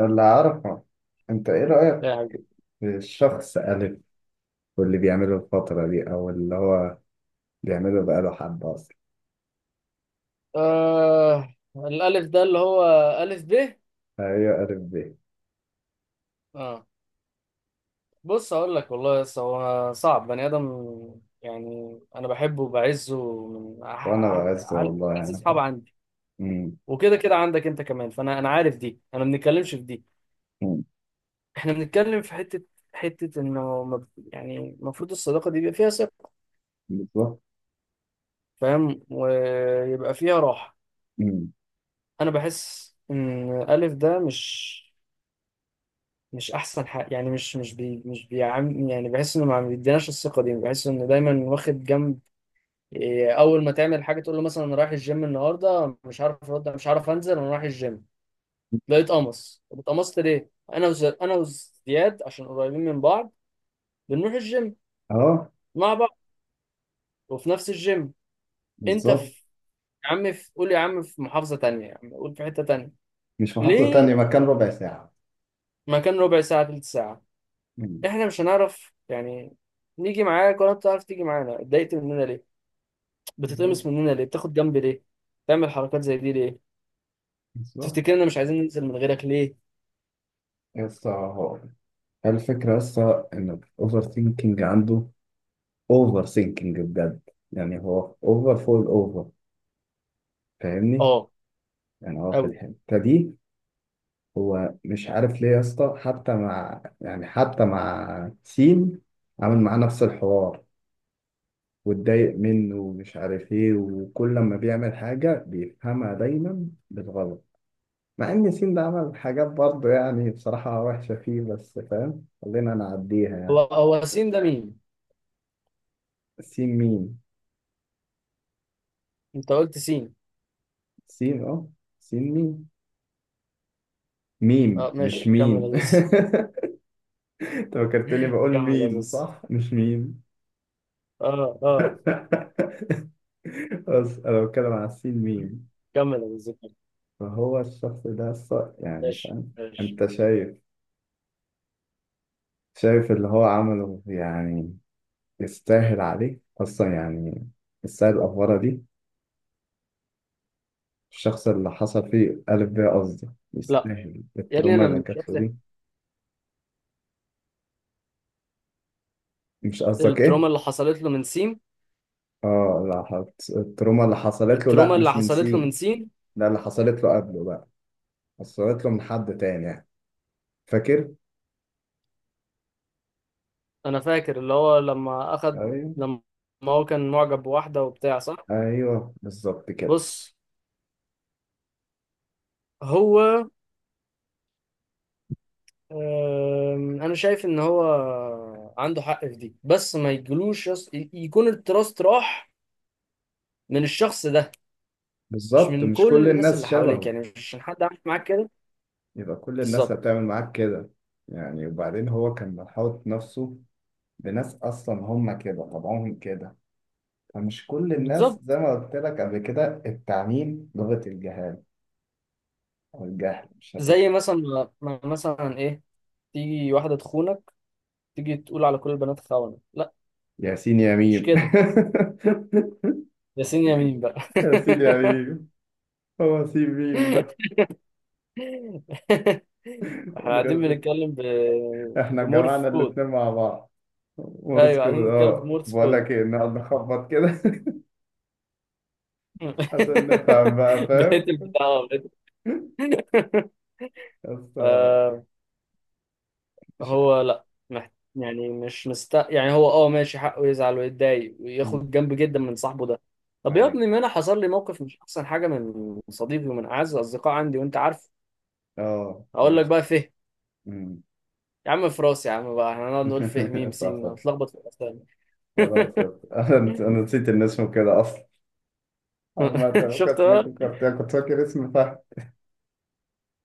اللي أعرفه، أنت إيه رأيك لاعب. في الشخص ألف واللي بيعمله الفترة دي أو اللي هو بيعمله بقاله حبة أصلا. الألف ده اللي هو ألف ب. أيوة ألف ب. آه بص أقول لك والله، بس هو صعب بني آدم. يعني أنا بحبه وبعزه من وأنا بعزه أعز والله يعني أصحاب فاهم. عندي، أمم، وكده كده عندك أنت كمان، فأنا عارف دي، أنا ما بنتكلمش في دي. أمم، إحنا بنتكلم في حتة إنه يعني المفروض الصداقة دي يبقى فيها ثقة. بالظبط. فاهم؟ ويبقى فيها راحة. أمم، أنا بحس إن ألف ده مش احسن حاجه، يعني مش مش بي مش بيعم يعني بحس انه ما بيديناش الثقه دي، بحس انه دايما واخد جنب. إيه، اول ما تعمل حاجه تقول له مثلا انا رايح الجيم النهارده، مش عارف ارد، مش عارف انزل، انا رايح الجيم تلاقيه اتقمص. طب اتقمصت ليه؟ انا وزياد عشان قريبين من بعض بنروح الجيم أه. مع بعض، وفي نفس الجيم انت بالظبط. في. يا عم في، قول يا عم في محافظه تانية، يا عم قول في حته تانية مش محافظة تانية، ليه؟ مكان ربع ساعة. مكان ربع ساعه، تلت ساعه، أمم، احنا مش هنعرف يعني نيجي معاك ولا بتعرف تيجي معانا؟ اتضايقت مننا ليه؟ بتتقمص بالظبط. مننا ليه؟ بتاخد جنب ليه؟ بتعمل حركات زي دي ليه؟ بالظبط. تفتكرنا مش عايزين ننزل من غيرك ليه؟ يسطا، هو الفكرة يسطا إن الأوفر ثينكينج عنده. أوفر ثينكينج بجد، يعني هو أوفر فوق الأوفر. فاهمني؟ اه، يعني هو في قوي. الحتة دي هو مش عارف ليه يا اسطى، حتى مع يعني حتى مع سين، عامل معاه نفس الحوار واتضايق منه ومش عارف ايه، وكل لما بيعمل حاجة بيفهمها دايما بالغلط. مع ان سين ده عمل حاجات برضه يعني بصراحة وحشة فيه، بس فاهم خلينا نعديها هو يعني. هو سين ده مين؟ سين مين؟ انت قلت سين. سين اه. سين مين؟ ميم اه مش ماشي، كمل يا مين. زوز. انت فكرتني بقول كمل يا مين، زوز. صح مش مين. اه اه. بس انا بتكلم على السين ميم. كمل يا زوز، كمل. فهو الشخص ده يعني ماشي فاهم، ماشي. انت شايف؟ شايف اللي هو عمله يعني؟ يستاهل عليه اصلا يعني؟ يستاهل الافوره دي؟ الشخص اللي حصل فيه ألف ب قصدي، لا يستاهل يا ابني، التروما انا اللي مش جات له فاكر دي؟ مش قصدك ايه؟ التروما اللي حصلت له من سين. اه لا، التروما اللي حصلت له لا التروما اللي مش من حصلت له من سين. سين. لا اللي حصلت له قبله بقى، حصلت له من حد تاني يعني، فاكر؟ انا فاكر اللي هو لما اخد، ايوه. لما هو كان معجب بواحده وبتاع، صح. ايوه بالظبط كده. بص هو، انا شايف ان هو عنده حق في دي، بس ما يجلوش يكون التراست راح من الشخص ده، مش بالظبط، من مش كل كل الناس الناس اللي حواليك. شبهه. يعني مش عشان حد عامل معاك كده. يبقى كل الناس بالظبط. هتعمل معاك كده يعني؟ وبعدين هو كان محاوط نفسه بناس أصلا هم كده، طبعهم كده. فمش كل الناس زي بالظبط. ما قلت لك قبل كده، التعميم لغة الجهال أو الجهل، مش هتفهم. زي مثلا مثلا ايه، تيجي واحده تخونك، تيجي تقول على كل البنات خونه؟ لا، ياسين يا مش ميم. كده. ياسين يمين بقى. ياسين يا ميم، هو سين ميم ده احنا من غير قاعدين ذكر، بنتكلم احنا بمورف جمعنا كود. الاتنين مع بعض. ايوه، ورسكو، قاعدين بنتكلم اه بمورس بقول كود. لك ايه، نقعد نخبط كده. عشان نفهم بقى، بقيت فاهم؟ البتاع بقيت. بس مش عارف. فهو لا، مح- يعني مش مست، يعني هو اه ماشي حقه يزعل ويتضايق وياخد جنب جدا من صاحبه ده. طب يا ايوه. ابني، ما انا حصل لي موقف مش احسن حاجه من صديقي ومن اعز الاصدقاء عندي، وانت عارف. اه هقول لك عرفت. بقى، فهم. مم. يا عم في راسي يا عم، بقى احنا هنقعد نقول فيه ميم صح سين، صح، نتلخبط في الاسامي. خلاص عرفت. انا نسيت ان اسمه كده اصلا. عامة شفت كنت، انا بقى. فكرت، كنت فاكر اسم فهد.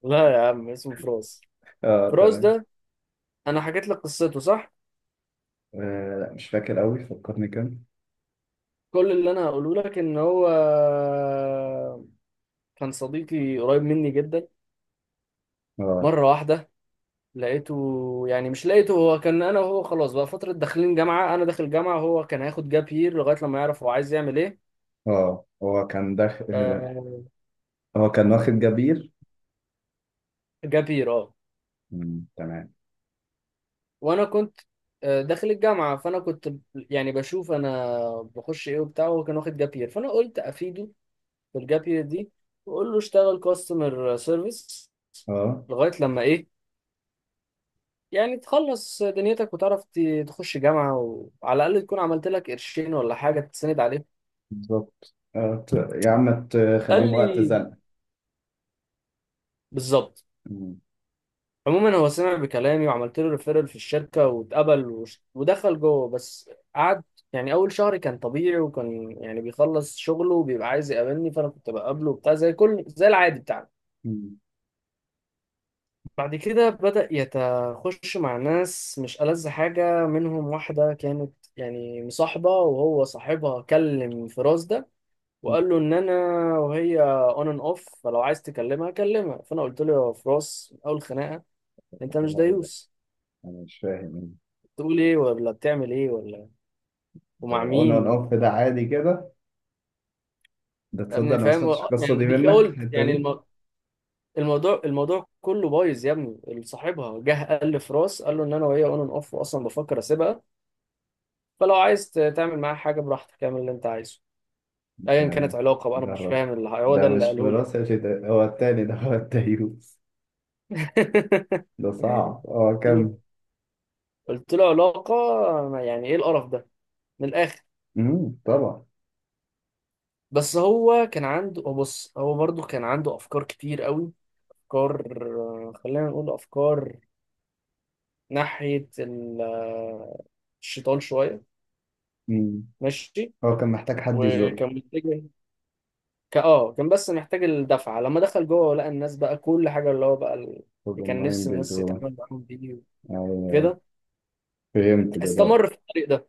لا يا عم، اسمه فراس. اه فراس تمام. ده انا حكيت لك قصته، صح؟ آه لا مش فاكر قوي، فكرني كان. كل اللي انا هقوله لك ان هو كان صديقي قريب مني جدا. اه. مرة واحدة لقيته، يعني مش لقيته، هو كان، أنا وهو خلاص بقى فترة داخلين جامعة، أنا داخل جامعة وهو كان هياخد جاب يير لغاية لما يعرف هو عايز يعمل إيه. اه هو كان داخل. آه، هو كان واخد جبير. جاب يير أه. مم. تمام. وأنا كنت، آه، داخل الجامعة، فأنا كنت يعني بشوف أنا بخش إيه وبتاع، وهو كان واخد جاب يير، فأنا قلت أفيده بالجاب يير دي، وأقول له اشتغل كاستمر سيرفيس اه. لغاية لما إيه، يعني تخلص دنيتك وتعرف تخش جامعة، وعلى الأقل تكون عملت لك قرشين ولا حاجة تسند عليهم. بالظبط. اه يا عم قال تخليهم وقت لي زنقة. بالظبط. مم. عموما هو سمع بكلامي، وعملت له ريفيرال في الشركه واتقبل ودخل جوه. بس قعد يعني اول شهر كان طبيعي، وكان يعني بيخلص شغله وبيبقى عايز يقابلني، فانا كنت بقابله وبتاع زي كل، زي العادي بتاعنا. مم. بعد كده بدأ يتخش مع ناس مش ألذ حاجة منهم. واحدة كانت يعني مصاحبة، وهو صاحبها كلم فراس ده وقال له ان انا، وهي اون اند اوف، فلو عايز تكلمها كلمها. فانا قلت له يا فراس، من اول خناقة، انت مش لا، ايه ده؟ دايوس. انا مش فاهم. بتقول ايه ولا بتعمل ايه ولا، ومع اون اون مين؟ اوف ده on and off ده عادي كده. ده يا تصدق ابني انا ما فاهم؟ سمعتش القصة يعني دي ديك منك، قلت الحتة يعني دي. الموضوع كله بايظ يا ابني. صاحبها جه قال لي في راس، قال له ان انا وهي اون اند اوف، واصلا بفكر اسيبها، فلو عايز تعمل معاها حاجه براحتك اعمل اللي انت عايزه، ايا كانت تمام. علاقه بقى. انا مش جرب. فاهم اللي هو ده ده اللي مش في قاله لي يعني. راسي يا شيخ، ده هو التاني، ده هو التيوس. ده صعب. هو كان. قلت له علاقه؟ يعني ايه القرف ده من الاخر؟ مم. طبعا. بس هو كان عنده، هو بص، هو برضه كان عنده افكار كتير قوي. أفكار، خلينا نقول أفكار ناحية الشيطان شوية. مم. ماشي. هو كان محتاج حد يزق. وكان محتاج، كان بس محتاج الدفعة. لما دخل جوه لقى الناس بقى كل حاجة اللي هو بقى اللي هو كان معين نفس الناس بالدرون. يتعامل معاهم بيه أيوة أيوة. كده. فهمت دلوقتي. استمر في الطريق ده.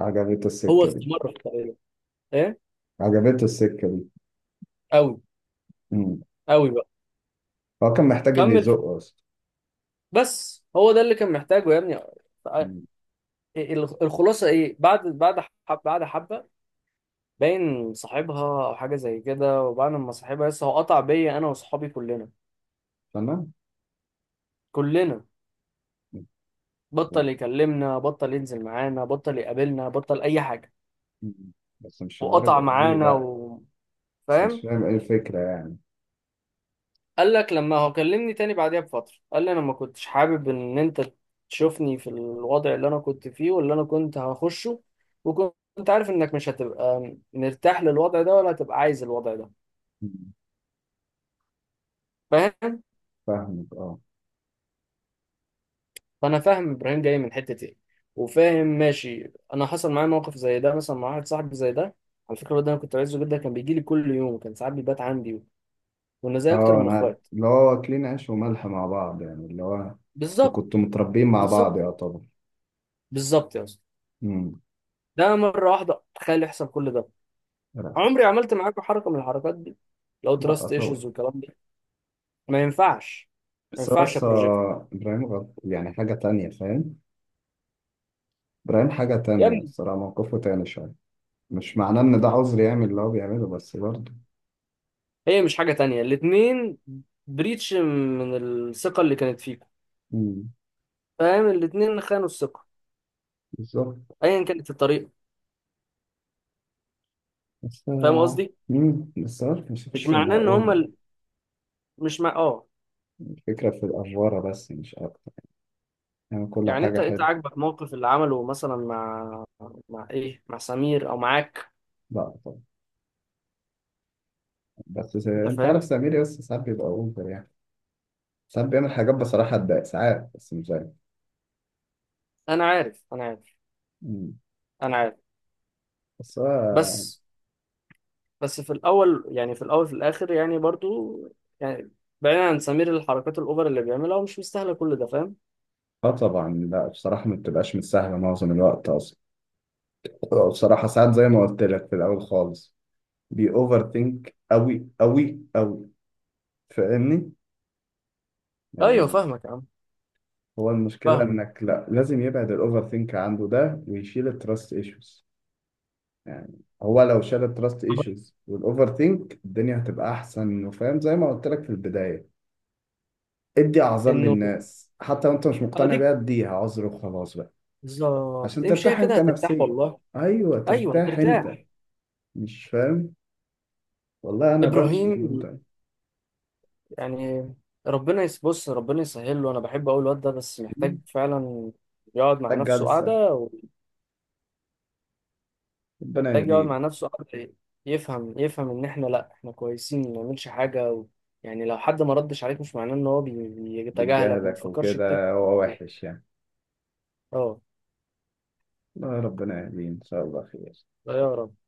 عجبته هو السكة دي. استمر في الطريق ده، ايه، عجبته السكة دي. قوي. مم. قوي بقى. هو كان محتاج اللي كمل في. يزقه أصلا. بس هو ده اللي كان محتاجه يا ابني. مم. الخلاصة ايه، بعد حبة باين صاحبها او حاجه زي كده، وبعد ما صاحبها لسه، هو قطع بيا انا واصحابي كلنا. تمام. كلنا. بطل يكلمنا، بطل ينزل معانا، بطل يقابلنا، بطل اي حاجه. مم. بس مش وقطع لدرجة ليه معانا بقى. و... بس مش فاهم؟ فاهم إيه الفكرة يعني. قال لك، لما هو كلمني تاني بعديها بفتره قال لي انا ما كنتش حابب ان انت تشوفني في الوضع اللي انا كنت فيه واللي انا كنت هخشه، وكنت عارف انك مش هتبقى مرتاح للوضع ده ولا هتبقى عايز الوضع ده. مم. فاهم؟ فاهمك أه. فانا فاهم ابراهيم جاي من حته ايه، وفاهم، ماشي، انا حصل معايا موقف زي ده مثلا، مع واحد صاحبي زي ده. على فكره الواد ده انا كنت عايزه جدا، كان بيجي لي كل يوم، كان ساعات بيبات عندي، وانا زي اكتر اه من انا عارف، اخوات. اللي هو اكلين عيش وملح مع بعض يعني، اللي هو انتوا بالظبط. كنتوا متربيين مع بالظبط بعض يا طبعا. بالظبط يا اسطى. امم. ده مره واحده تخيل يحصل كل ده. لا. عمري عملت معاك حركه من الحركات دي؟ لو لا تراست ايشوز طبعا. والكلام ده، ما ينفعش. ما بس هو ينفعش يا أصلا بروجكت. ابراهيم غلط يعني، حاجة تانية فاهم. ابراهيم حاجة يا تانية، ابني الصراحة موقفه تاني شوية. مش معناه ان ده عذر يعمل اللي هو بيعمله، بس برضه. هي مش حاجه تانية، الاتنين بريتش من الثقه اللي كانت فيكم. امم. فاهم؟ الاتنين خانوا الثقه، بالظبط. ايا كانت الطريقه. بس فاهم آه، قصدي؟ امم. بس عارف مش مش فكرة معناه انها ان هم اوفر، مش مع، اه، الفكرة في الافوارة بس مش اكتر. يعني كل يعني حاجة انت حلوة. عاجبك موقف اللي عمله مثلا مع، مع ايه، مع سمير او معاك؟ لا طبعا. انت انت عارف فاهم. سمير يس ساعات بيبقى اوفر يعني، ساعات بيعمل حاجات بصراحة تضايق ساعات، بس مش دايما. انا عارف، انا عارف، مم. انا عارف. بس هو. بس بس في الاول يعني، في الاول في الاخر يعني برضو، يعني بعيدا عن سمير، الحركات الاوفر اللي بيعملها هو مش مستاهله كل ده، فاهم؟ اه طبعا، لا بصراحة ما بتبقاش مش سهلة معظم الوقت أصلا. هو بصراحة ساعات زي ما قلت لك في الأول خالص بي أوفر ثينك أوي أوي أوي. فاهمني؟ ايوه يعني فاهمك يا عم. هو المشكلة فاهمك إنك، لا لازم يبعد الأوفر ثينك عنده ده ويشيل التراست إيشوز. يعني هو لو شال التراست إيشوز والأوفر ثينك الدنيا هتبقى أحسن، وفاهم زي ما قلت لك في البداية، ادي أعذار انه للناس حتى وأنت مش مقتنع اديك، بيها، اديها عذر وخلاص بقى. بالظبط، عشان امشيها ترتاح كده انت هترتاح نفسيا. والله. ايوه ايوه ترتاح انت. هترتاح. مش فاهم. والله انا بمشي ابراهيم بالمنتهى. يعني، ربنا بص ربنا يسهل له. انا بحب اقول الواد ده بس محتاج فعلا يقعد مع محتاج نفسه جلسه. قعده. ربنا ومحتاج يقعد مع يهديك. نفسه قعده، يفهم، يفهم ان احنا لا، احنا كويسين ما نعملش حاجه و... يعني لو حد ما ردش عليك، مش معناه ان هو بيتجاهلك وما بجهدك تفكرش كتير وكده هو فيها. وحش يعني. اه. الله ربنا يهديه ان شاء الله خير. لا يا رب.